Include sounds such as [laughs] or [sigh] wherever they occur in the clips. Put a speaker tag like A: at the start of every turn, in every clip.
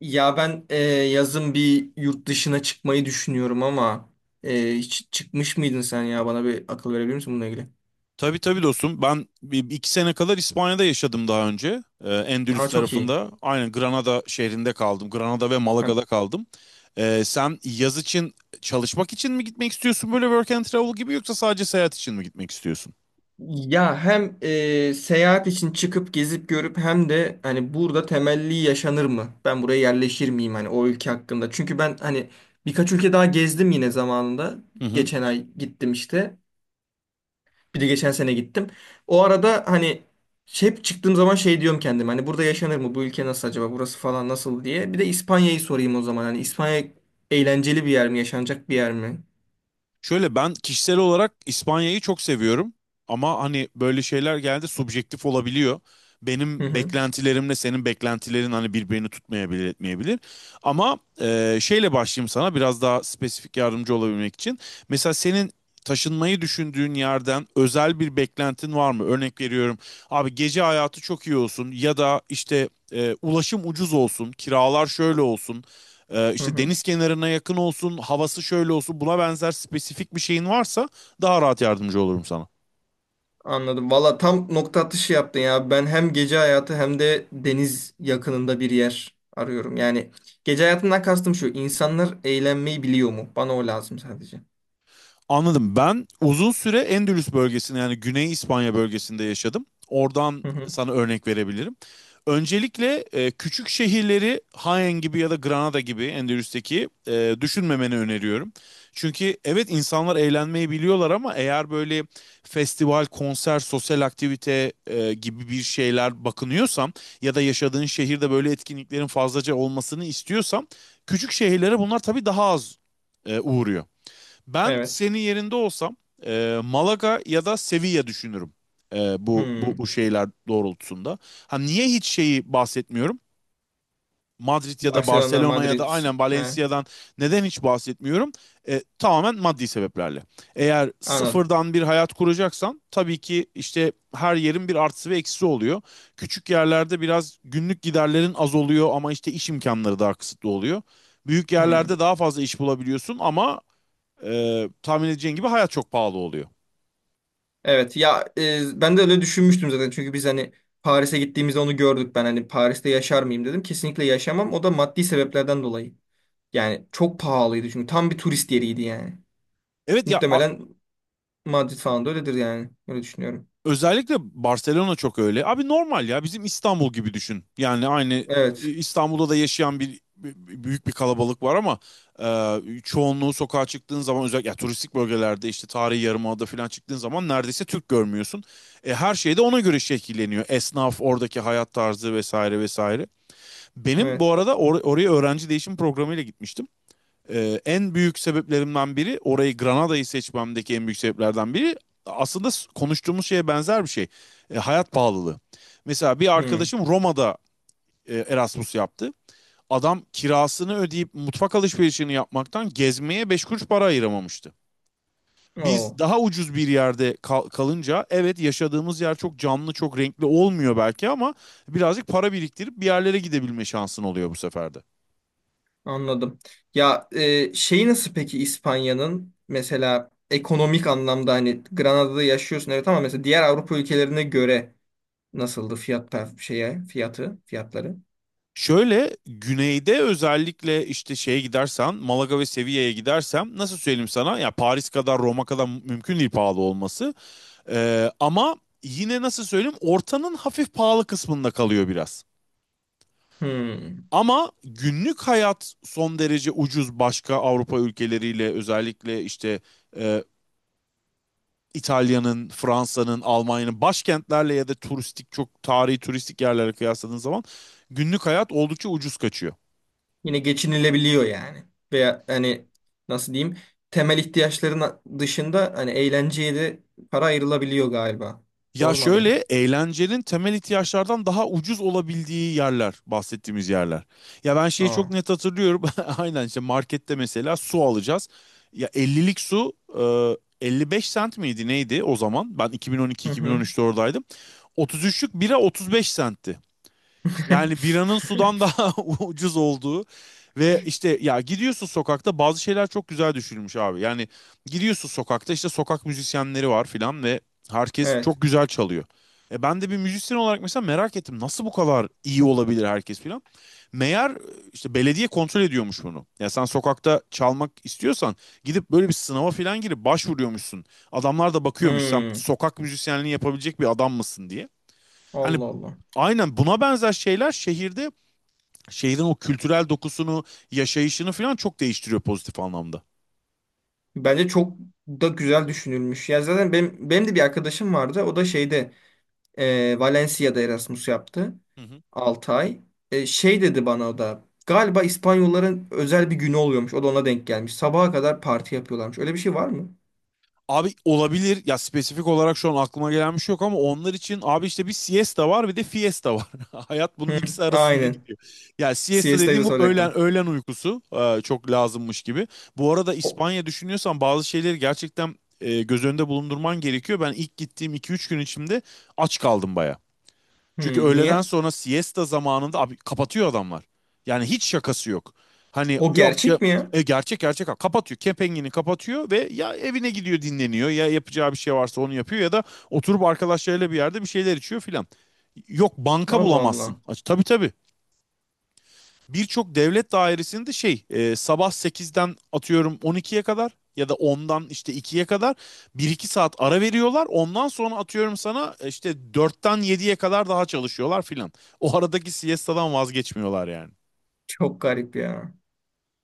A: Ya ben yazın bir yurt dışına çıkmayı düşünüyorum ama hiç çıkmış mıydın sen ya? Bana bir akıl verebilir misin bununla ilgili?
B: Tabii tabii, dostum. Ben 2 sene kadar İspanya'da yaşadım daha önce. Endülüs
A: Ama çok iyi.
B: tarafında. Aynen Granada şehrinde kaldım. Granada ve Malaga'da
A: Hem
B: kaldım. Sen yaz için, çalışmak için mi gitmek istiyorsun, böyle work and travel gibi, yoksa sadece seyahat için mi gitmek istiyorsun?
A: ya hem seyahat için çıkıp gezip görüp hem de hani burada temelli yaşanır mı? Ben buraya yerleşir miyim hani o ülke hakkında? Çünkü ben hani birkaç ülke daha gezdim yine zamanında. Geçen ay gittim işte. Bir de geçen sene gittim. O arada hani hep çıktığım zaman şey diyorum kendime hani burada yaşanır mı? Bu ülke nasıl acaba? Burası falan nasıl diye. Bir de İspanya'yı sorayım o zaman. Hani İspanya eğlenceli bir yer mi? Yaşanacak bir yer mi?
B: Şöyle, ben kişisel olarak İspanya'yı çok seviyorum ama hani böyle şeyler geldi, subjektif olabiliyor.
A: Hı
B: Benim
A: hı.
B: beklentilerimle senin beklentilerin hani birbirini tutmayabilir, etmeyebilir. Ama şeyle başlayayım sana biraz daha spesifik yardımcı olabilmek için. Mesela senin taşınmayı düşündüğün yerden özel bir beklentin var mı? Örnek veriyorum, abi gece hayatı çok iyi olsun ya da işte ulaşım ucuz olsun, kiralar şöyle olsun,
A: Hı
B: işte
A: hı.
B: deniz kenarına yakın olsun, havası şöyle olsun, buna benzer spesifik bir şeyin varsa daha rahat yardımcı olurum sana.
A: Anladım. Valla tam nokta atışı yaptın ya. Ben hem gece hayatı hem de deniz yakınında bir yer arıyorum. Yani gece hayatından kastım şu. İnsanlar eğlenmeyi biliyor mu? Bana o lazım sadece.
B: Anladım. Ben uzun süre Endülüs bölgesinde, yani Güney İspanya bölgesinde yaşadım. Oradan
A: Hı hı.
B: sana örnek verebilirim. Öncelikle küçük şehirleri, Jaén gibi ya da Granada gibi Endülüs'teki, düşünmemeni öneriyorum. Çünkü evet, insanlar eğlenmeyi biliyorlar ama eğer böyle festival, konser, sosyal aktivite gibi bir şeyler bakınıyorsam ya da yaşadığın şehirde böyle etkinliklerin fazlaca olmasını istiyorsam, küçük şehirlere bunlar tabii daha az uğruyor. Ben
A: Evet.
B: senin yerinde olsam Malaga ya da Sevilla düşünürüm. Bu
A: Hmm.
B: şeyler doğrultusunda. Ha, niye hiç şeyi bahsetmiyorum? Madrid ya da
A: Barcelona,
B: Barcelona ya da
A: Madrid.
B: aynen
A: He,
B: Valencia'dan neden hiç bahsetmiyorum? Tamamen maddi sebeplerle. Eğer
A: anladım.
B: sıfırdan bir hayat kuracaksan, tabii ki işte her yerin bir artısı ve eksisi oluyor. Küçük yerlerde biraz günlük giderlerin az oluyor ama işte iş imkanları daha kısıtlı oluyor. Büyük yerlerde
A: Hmm.
B: daha fazla iş bulabiliyorsun ama tahmin edeceğin gibi hayat çok pahalı oluyor.
A: Evet ya, ben de öyle düşünmüştüm zaten çünkü biz hani Paris'e gittiğimizde onu gördük, ben hani Paris'te yaşar mıyım dedim, kesinlikle yaşamam, o da maddi sebeplerden dolayı, yani çok pahalıydı çünkü tam bir turist yeriydi yani
B: Evet ya a-
A: muhtemelen Madrid falan da öyledir, yani öyle düşünüyorum.
B: Özellikle Barcelona çok öyle. Abi normal ya, bizim İstanbul gibi düşün. Yani aynı,
A: Evet,
B: İstanbul'da da yaşayan büyük bir kalabalık var ama çoğunluğu sokağa çıktığın zaman, özellikle ya, turistik bölgelerde işte, tarihi yarımada falan çıktığın zaman neredeyse Türk görmüyorsun. Her şey de ona göre şekilleniyor. Esnaf, oradaki hayat tarzı, vesaire vesaire. Benim bu
A: evet.
B: arada oraya öğrenci değişim programıyla gitmiştim. En büyük sebeplerimden biri, orayı Granada'yı seçmemdeki en büyük sebeplerden biri, aslında konuştuğumuz şeye benzer bir şey. Hayat pahalılığı. Mesela bir
A: Hmm.
B: arkadaşım Roma'da Erasmus yaptı. Adam kirasını ödeyip mutfak alışverişini yapmaktan gezmeye beş kuruş para ayıramamıştı. Biz
A: Oo,
B: daha ucuz bir yerde kalınca, evet, yaşadığımız yer çok canlı, çok renkli olmuyor belki ama birazcık para biriktirip bir yerlere gidebilme şansın oluyor bu sefer de.
A: anladım. Ya şey nasıl peki İspanya'nın mesela ekonomik anlamda hani Granada'da yaşıyorsun, evet, ama mesela diğer Avrupa ülkelerine göre nasıldı fiyat şeye fiyatı fiyatları.
B: Şöyle, güneyde özellikle, işte şeye gidersen, Malaga ve Sevilla'ya gidersem, nasıl söyleyeyim sana, ya Paris kadar, Roma kadar mümkün değil pahalı olması. Ama yine nasıl söyleyeyim, ortanın hafif pahalı kısmında kalıyor biraz.
A: Hmm.
B: Ama günlük hayat son derece ucuz başka Avrupa ülkeleriyle, özellikle işte e, İtalya'nın, Fransa'nın, Almanya'nın başkentlerle ya da turistik, çok tarihi turistik yerlere kıyasladığın zaman günlük hayat oldukça ucuz kaçıyor.
A: Yine geçinilebiliyor yani. Veya hani nasıl diyeyim, temel ihtiyaçların dışında hani eğlenceye de para ayrılabiliyor galiba.
B: Ya
A: Doğru mu anladım?
B: şöyle, eğlencenin temel ihtiyaçlardan daha ucuz olabildiği yerler bahsettiğimiz yerler. Ya ben şeyi çok
A: Aa.
B: net hatırlıyorum. [laughs] Aynen, işte markette mesela su alacağız. Ya 50'lik su 55 sent miydi neydi o zaman? Ben
A: Hı hı.
B: 2012-2013'te oradaydım. 33'lük bira 35 sentti. Yani biranın
A: [laughs]
B: sudan daha [laughs] ucuz olduğu ve işte, ya gidiyorsun sokakta, bazı şeyler çok güzel düşünülmüş abi. Yani gidiyorsun sokakta, işte sokak müzisyenleri var filan ve herkes
A: Evet.
B: çok güzel çalıyor. E, ben de bir müzisyen olarak mesela merak ettim, nasıl bu kadar iyi olabilir herkes filan. Meğer işte belediye kontrol ediyormuş bunu. Ya sen sokakta çalmak istiyorsan, gidip böyle bir sınava filan girip başvuruyormuşsun. Adamlar da bakıyormuş, sen
A: Hmm.
B: sokak müzisyenliği yapabilecek bir adam mısın diye. Hani
A: Allah Allah.
B: aynen buna benzer şeyler şehirde, şehrin o kültürel dokusunu, yaşayışını falan çok değiştiriyor pozitif anlamda.
A: Bence çok da güzel düşünülmüş. Ya zaten benim, de bir arkadaşım vardı. O da şeyde Valencia'da Erasmus yaptı.
B: Hı hı.
A: 6 ay. E, şey dedi bana o da. Galiba İspanyolların özel bir günü oluyormuş. O da ona denk gelmiş. Sabaha kadar parti yapıyorlarmış. Öyle bir şey var mı?
B: Abi olabilir ya, spesifik olarak şu an aklıma gelen bir şey yok ama onlar için abi, işte bir siesta var bir de fiesta var. [laughs] Hayat bunun
A: Hı,
B: ikisi arasında
A: aynen.
B: gidiyor. Ya siesta
A: Siesta'yı
B: dediğim
A: da
B: bu öğlen
A: soracaktım.
B: öğlen uykusu çok lazımmış gibi. Bu arada,
A: O,
B: İspanya düşünüyorsan bazı şeyleri gerçekten göz önünde bulundurman gerekiyor. Ben ilk gittiğim 2-3 gün içinde aç kaldım bayağı. Çünkü
A: hı,
B: öğleden
A: niye?
B: sonra siesta zamanında abi kapatıyor adamlar. Yani hiç şakası yok. Hani
A: O
B: yok ya-
A: gerçek mi ya?
B: Gerçek gerçek kapatıyor. Kepengen'i kapatıyor ve ya evine gidiyor dinleniyor, ya yapacağı bir şey varsa onu yapıyor, ya da oturup arkadaşlarıyla bir yerde bir şeyler içiyor filan. Yok, banka
A: Allah
B: bulamazsın.
A: Allah.
B: Tabii tabii, birçok devlet dairesinde şey, sabah 8'den atıyorum 12'ye kadar ya da ondan işte 2'ye kadar 1-2 saat ara veriyorlar. Ondan sonra atıyorum sana işte 4'ten 7'ye kadar daha çalışıyorlar filan. O aradaki siestadan vazgeçmiyorlar yani.
A: Çok garip ya.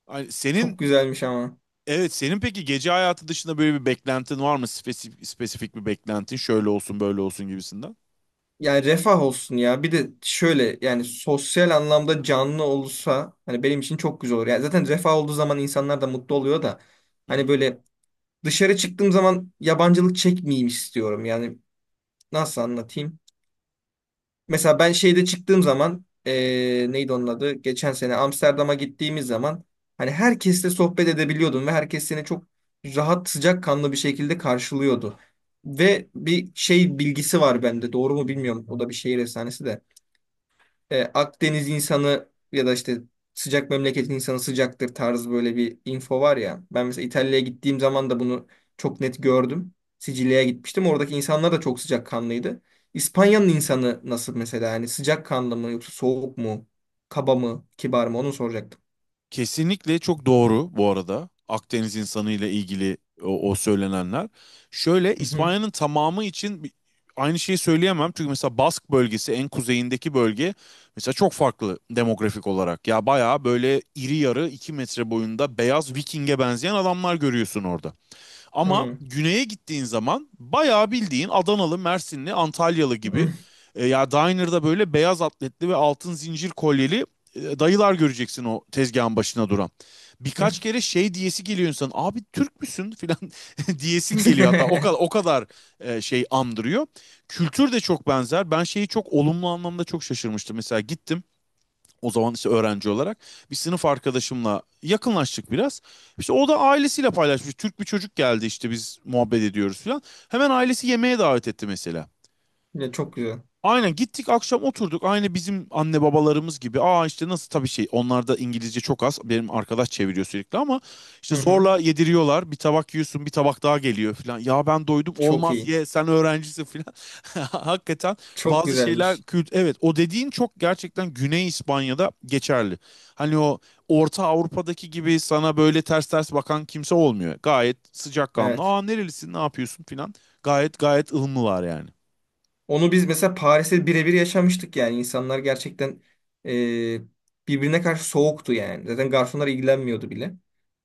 B: Ay, senin
A: Çok güzelmiş ama.
B: Evet, senin peki gece hayatı dışında böyle bir beklentin var mı? Spesifik, bir beklentin, şöyle olsun böyle olsun gibisinden.
A: Yani refah olsun ya. Bir de şöyle, yani sosyal anlamda canlı olursa hani benim için çok güzel olur. Yani zaten refah olduğu zaman insanlar da mutlu oluyor da
B: Hı
A: hani
B: hı.
A: böyle dışarı çıktığım zaman yabancılık çekmeyeyim istiyorum. Yani nasıl anlatayım? Mesela ben şeyde çıktığım zaman neydi onun adı? Geçen sene Amsterdam'a gittiğimiz zaman hani herkesle sohbet edebiliyordun ve herkes seni çok rahat, sıcakkanlı bir şekilde karşılıyordu. Ve bir şey bilgisi var bende. Doğru mu bilmiyorum. O da bir şehir efsanesi de. E, Akdeniz insanı ya da işte sıcak memleketin insanı sıcaktır tarzı böyle bir info var ya. Ben mesela İtalya'ya gittiğim zaman da bunu çok net gördüm. Sicilya'ya gitmiştim. Oradaki insanlar da çok sıcakkanlıydı. İspanya'nın insanı nasıl mesela? Yani sıcakkanlı mı yoksa soğuk mu? Kaba mı? Kibar mı? Onu soracaktım.
B: Kesinlikle çok doğru bu arada, Akdeniz insanıyla ilgili o söylenenler. Şöyle,
A: Hı hı.
B: İspanya'nın tamamı için aynı şeyi söyleyemem. Çünkü mesela Bask bölgesi, en kuzeyindeki bölge mesela, çok farklı demografik olarak. Ya bayağı böyle iri yarı, 2 metre boyunda, beyaz Viking'e benzeyen adamlar görüyorsun orada. Ama
A: Hı.
B: güneye gittiğin zaman bayağı bildiğin Adanalı, Mersinli, Antalyalı
A: Hı.
B: gibi, ya diner'da böyle beyaz atletli ve altın zincir kolyeli dayılar göreceksin o tezgahın başına duran.
A: Hı.
B: Birkaç kere şey diyesi geliyor insan, abi Türk müsün filan [laughs] diyesin geliyor, hatta o kadar, o
A: [laughs]
B: kadar şey andırıyor. Kültür de çok benzer. Ben şeyi çok olumlu anlamda çok şaşırmıştım. Mesela gittim o zaman işte, öğrenci olarak bir sınıf arkadaşımla yakınlaştık biraz. İşte o da ailesiyle paylaşmış, Türk bir çocuk geldi işte biz muhabbet ediyoruz falan. Hemen ailesi yemeğe davet etti mesela.
A: Ya çok güzel.
B: Aynen, gittik akşam oturduk aynı bizim anne babalarımız gibi. Aa, işte nasıl, tabii şey, onlarda İngilizce çok az. Benim arkadaş çeviriyor sürekli ama
A: Hı
B: işte
A: hı.
B: zorla yediriyorlar. Bir tabak yiyorsun, bir tabak daha geliyor falan. Ya ben doydum,
A: Çok
B: olmaz
A: iyi.
B: ye, sen öğrencisin falan. [laughs] Hakikaten
A: Çok
B: bazı şeyler
A: güzelmiş.
B: kült, evet, o dediğin çok gerçekten Güney İspanya'da geçerli. Hani o Orta Avrupa'daki gibi sana böyle ters ters bakan kimse olmuyor. Gayet sıcakkanlı.
A: Evet.
B: Aa nerelisin, ne yapıyorsun falan. Gayet gayet ılımlılar yani.
A: Onu biz mesela Paris'te birebir yaşamıştık yani. İnsanlar gerçekten e, birbirine karşı soğuktu yani. Zaten garsonlar ilgilenmiyordu bile.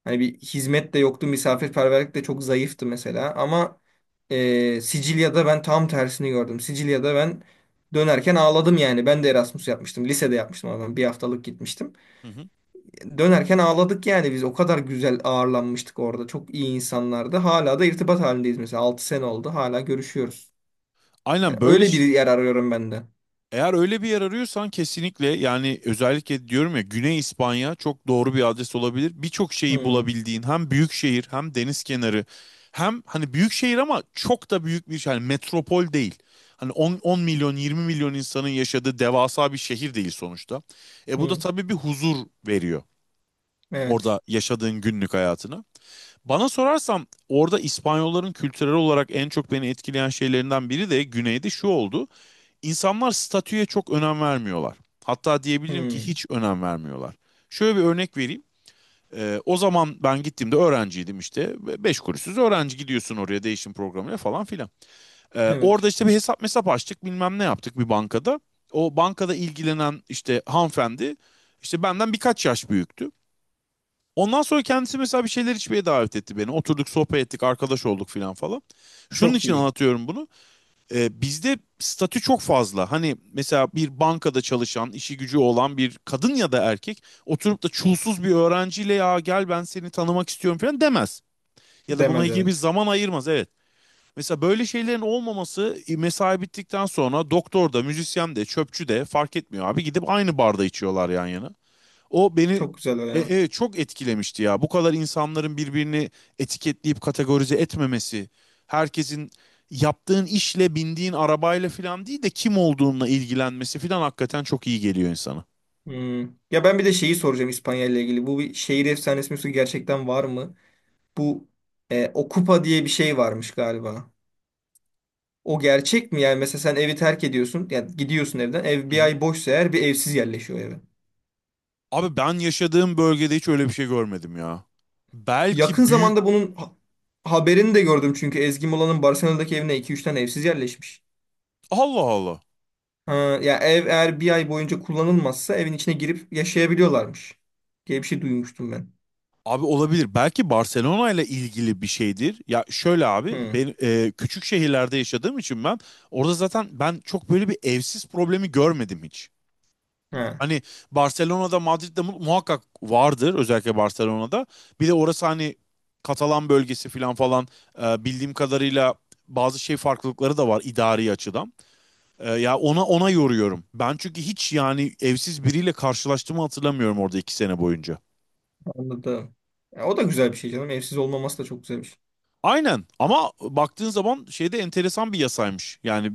A: Hani bir hizmet de yoktu, misafirperverlik de çok zayıftı mesela. Ama Sicilya'da ben tam tersini gördüm. Sicilya'da ben dönerken ağladım yani. Ben de Erasmus yapmıştım. Lisede yapmıştım ama ben bir haftalık gitmiştim.
B: Hı hı.
A: Dönerken ağladık yani biz. O kadar güzel ağırlanmıştık orada. Çok iyi insanlardı. Hala da irtibat halindeyiz mesela. 6 sene oldu. Hala görüşüyoruz. Yani
B: Aynen, böyle,
A: öyle bir yer arıyorum ben de.
B: eğer öyle bir yer arıyorsan, kesinlikle, yani özellikle diyorum ya, Güney İspanya çok doğru bir adres olabilir. Birçok şeyi
A: Hmm,
B: bulabildiğin, hem büyük şehir, hem deniz kenarı, hem hani büyük şehir ama çok da büyük bir şey, yani metropol değil. Hani 10 milyon 20 milyon insanın yaşadığı devasa bir şehir değil sonuçta. E, bu da
A: hmm,
B: tabii bir huzur veriyor
A: evet.
B: orada yaşadığın günlük hayatına. Bana sorarsan, orada İspanyolların kültürel olarak en çok beni etkileyen şeylerinden biri de güneyde şu oldu: İnsanlar statüye çok önem vermiyorlar. Hatta diyebilirim ki
A: Hmm,
B: hiç önem vermiyorlar. Şöyle bir örnek vereyim. O zaman ben gittiğimde öğrenciydim işte. Beş kuruşsuz öğrenci gidiyorsun oraya, değişim programına falan filan. Orada
A: evet.
B: işte bir hesap mesap açtık, bilmem ne yaptık bir bankada. O bankada ilgilenen işte hanımefendi, işte benden birkaç yaş büyüktü. Ondan sonra kendisi mesela bir şeyler içmeye davet etti beni. Oturduk, sohbet ettik, arkadaş olduk filan falan. Şunun
A: Çok
B: için
A: iyi.
B: anlatıyorum bunu. Bizde statü çok fazla. Hani mesela bir bankada çalışan, işi gücü olan bir kadın ya da erkek oturup da çulsuz bir öğrenciyle, ya gel ben seni tanımak istiyorum falan demez. Ya da buna
A: Demez,
B: ilgili bir
A: evet.
B: zaman ayırmaz, evet. Mesela böyle şeylerin olmaması, mesai bittikten sonra doktor da, müzisyen de, çöpçü de fark etmiyor abi. Gidip aynı barda içiyorlar yan yana. O beni
A: Çok güzel o ya.
B: çok etkilemişti ya. Bu kadar insanların birbirini etiketleyip kategorize etmemesi, herkesin yaptığın işle, bindiğin arabayla falan değil de kim olduğunla ilgilenmesi falan, hakikaten çok iyi geliyor insana.
A: Hmm. Ya ben bir de şeyi soracağım İspanya ile ilgili. Bu bir şehir efsanesi mi, gerçekten var mı? Bu Okupa diye bir şey varmış galiba. O gerçek mi? Yani mesela sen evi terk ediyorsun. Yani gidiyorsun evden. Ev
B: Hı
A: bir
B: hı.
A: ay boşsa eğer bir evsiz yerleşiyor eve.
B: Abi ben yaşadığım bölgede hiç öyle bir şey görmedim ya.
A: Yakın
B: Belki büyük...
A: zamanda bunun haberini de gördüm, çünkü Ezgi Mola'nın Barcelona'daki evine iki üç tane evsiz yerleşmiş.
B: Allah Allah.
A: Ha, ya ev eğer bir ay boyunca kullanılmazsa evin içine girip yaşayabiliyorlarmış diye bir şey duymuştum ben.
B: Abi olabilir. Belki Barcelona ile ilgili bir şeydir. Ya şöyle abi,
A: Hı,
B: ben küçük şehirlerde yaşadığım için ben orada zaten, ben çok böyle bir evsiz problemi görmedim hiç.
A: ha,
B: Hani Barcelona'da, Madrid'de muhakkak vardır, özellikle Barcelona'da. Bir de orası hani Katalan bölgesi falan falan, bildiğim kadarıyla bazı şey farklılıkları da var idari açıdan. Ya ona yoruyorum. Ben çünkü hiç, yani evsiz biriyle karşılaştığımı hatırlamıyorum orada 2 sene boyunca.
A: anladım. Ya, o da güzel bir şey canım. Evsiz olmaması da çok güzel bir şey.
B: Aynen, ama baktığın zaman şeyde, enteresan bir yasaymış. Yani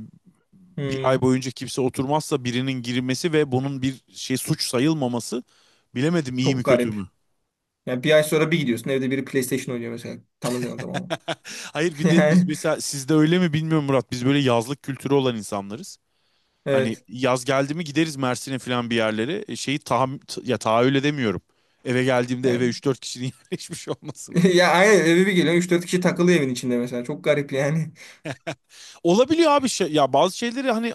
B: bir ay
A: Hı,
B: boyunca kimse oturmazsa birinin girmesi ve bunun bir şey suç sayılmaması, bilemedim iyi mi
A: çok
B: kötü
A: garip.
B: mü?
A: Yani bir ay sonra bir gidiyorsun, evde biri PlayStation oynuyor mesela. Tanımayan adam ama.
B: [laughs] Hayır,
A: [laughs]
B: bir de biz
A: Yani
B: mesela, sizde öyle mi bilmiyorum Murat, biz böyle yazlık kültürü olan insanlarız. Hani
A: evet.
B: yaz geldi mi gideriz Mersin'e falan bir yerlere. Şeyi ya tahayyül edemiyorum. Eve geldiğimde eve
A: Yani.
B: 3-4 kişinin [laughs] yerleşmiş olmasını.
A: [laughs] Ya aynen, eve bir geliyorsun üç dört kişi takılıyor evin içinde mesela. Çok garip yani. [laughs]
B: Olabiliyor abi şey, ya bazı şeyleri hani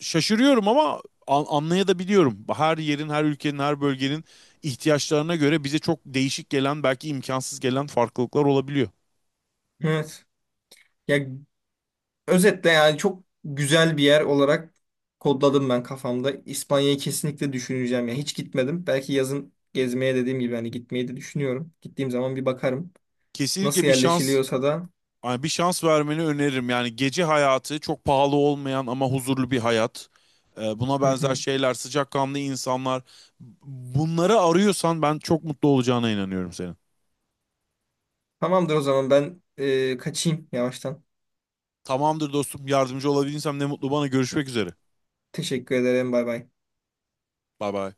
B: şaşırıyorum ama anlayabiliyorum. Her yerin, her ülkenin, her bölgenin ihtiyaçlarına göre bize çok değişik gelen, belki imkansız gelen farklılıklar olabiliyor.
A: Evet. Ya özetle yani çok güzel bir yer olarak kodladım ben kafamda. İspanya'yı kesinlikle düşüneceğim ya. Hiç gitmedim. Belki yazın gezmeye dediğim gibi hani gitmeyi de düşünüyorum. Gittiğim zaman bir bakarım.
B: Kesinlikle
A: Nasıl
B: bir şans,
A: yerleşiliyorsa da.
B: yani bir şans vermeni öneririm. Yani gece hayatı çok pahalı olmayan ama huzurlu bir hayat. Buna
A: Hı
B: benzer
A: hı.
B: şeyler, sıcakkanlı insanlar. Bunları arıyorsan ben çok mutlu olacağına inanıyorum senin.
A: Tamamdır o zaman, ben kaçayım yavaştan.
B: Tamamdır dostum, yardımcı olabilirsem ne mutlu bana. Görüşmek üzere.
A: Teşekkür ederim. Bay bay.
B: Bay bay.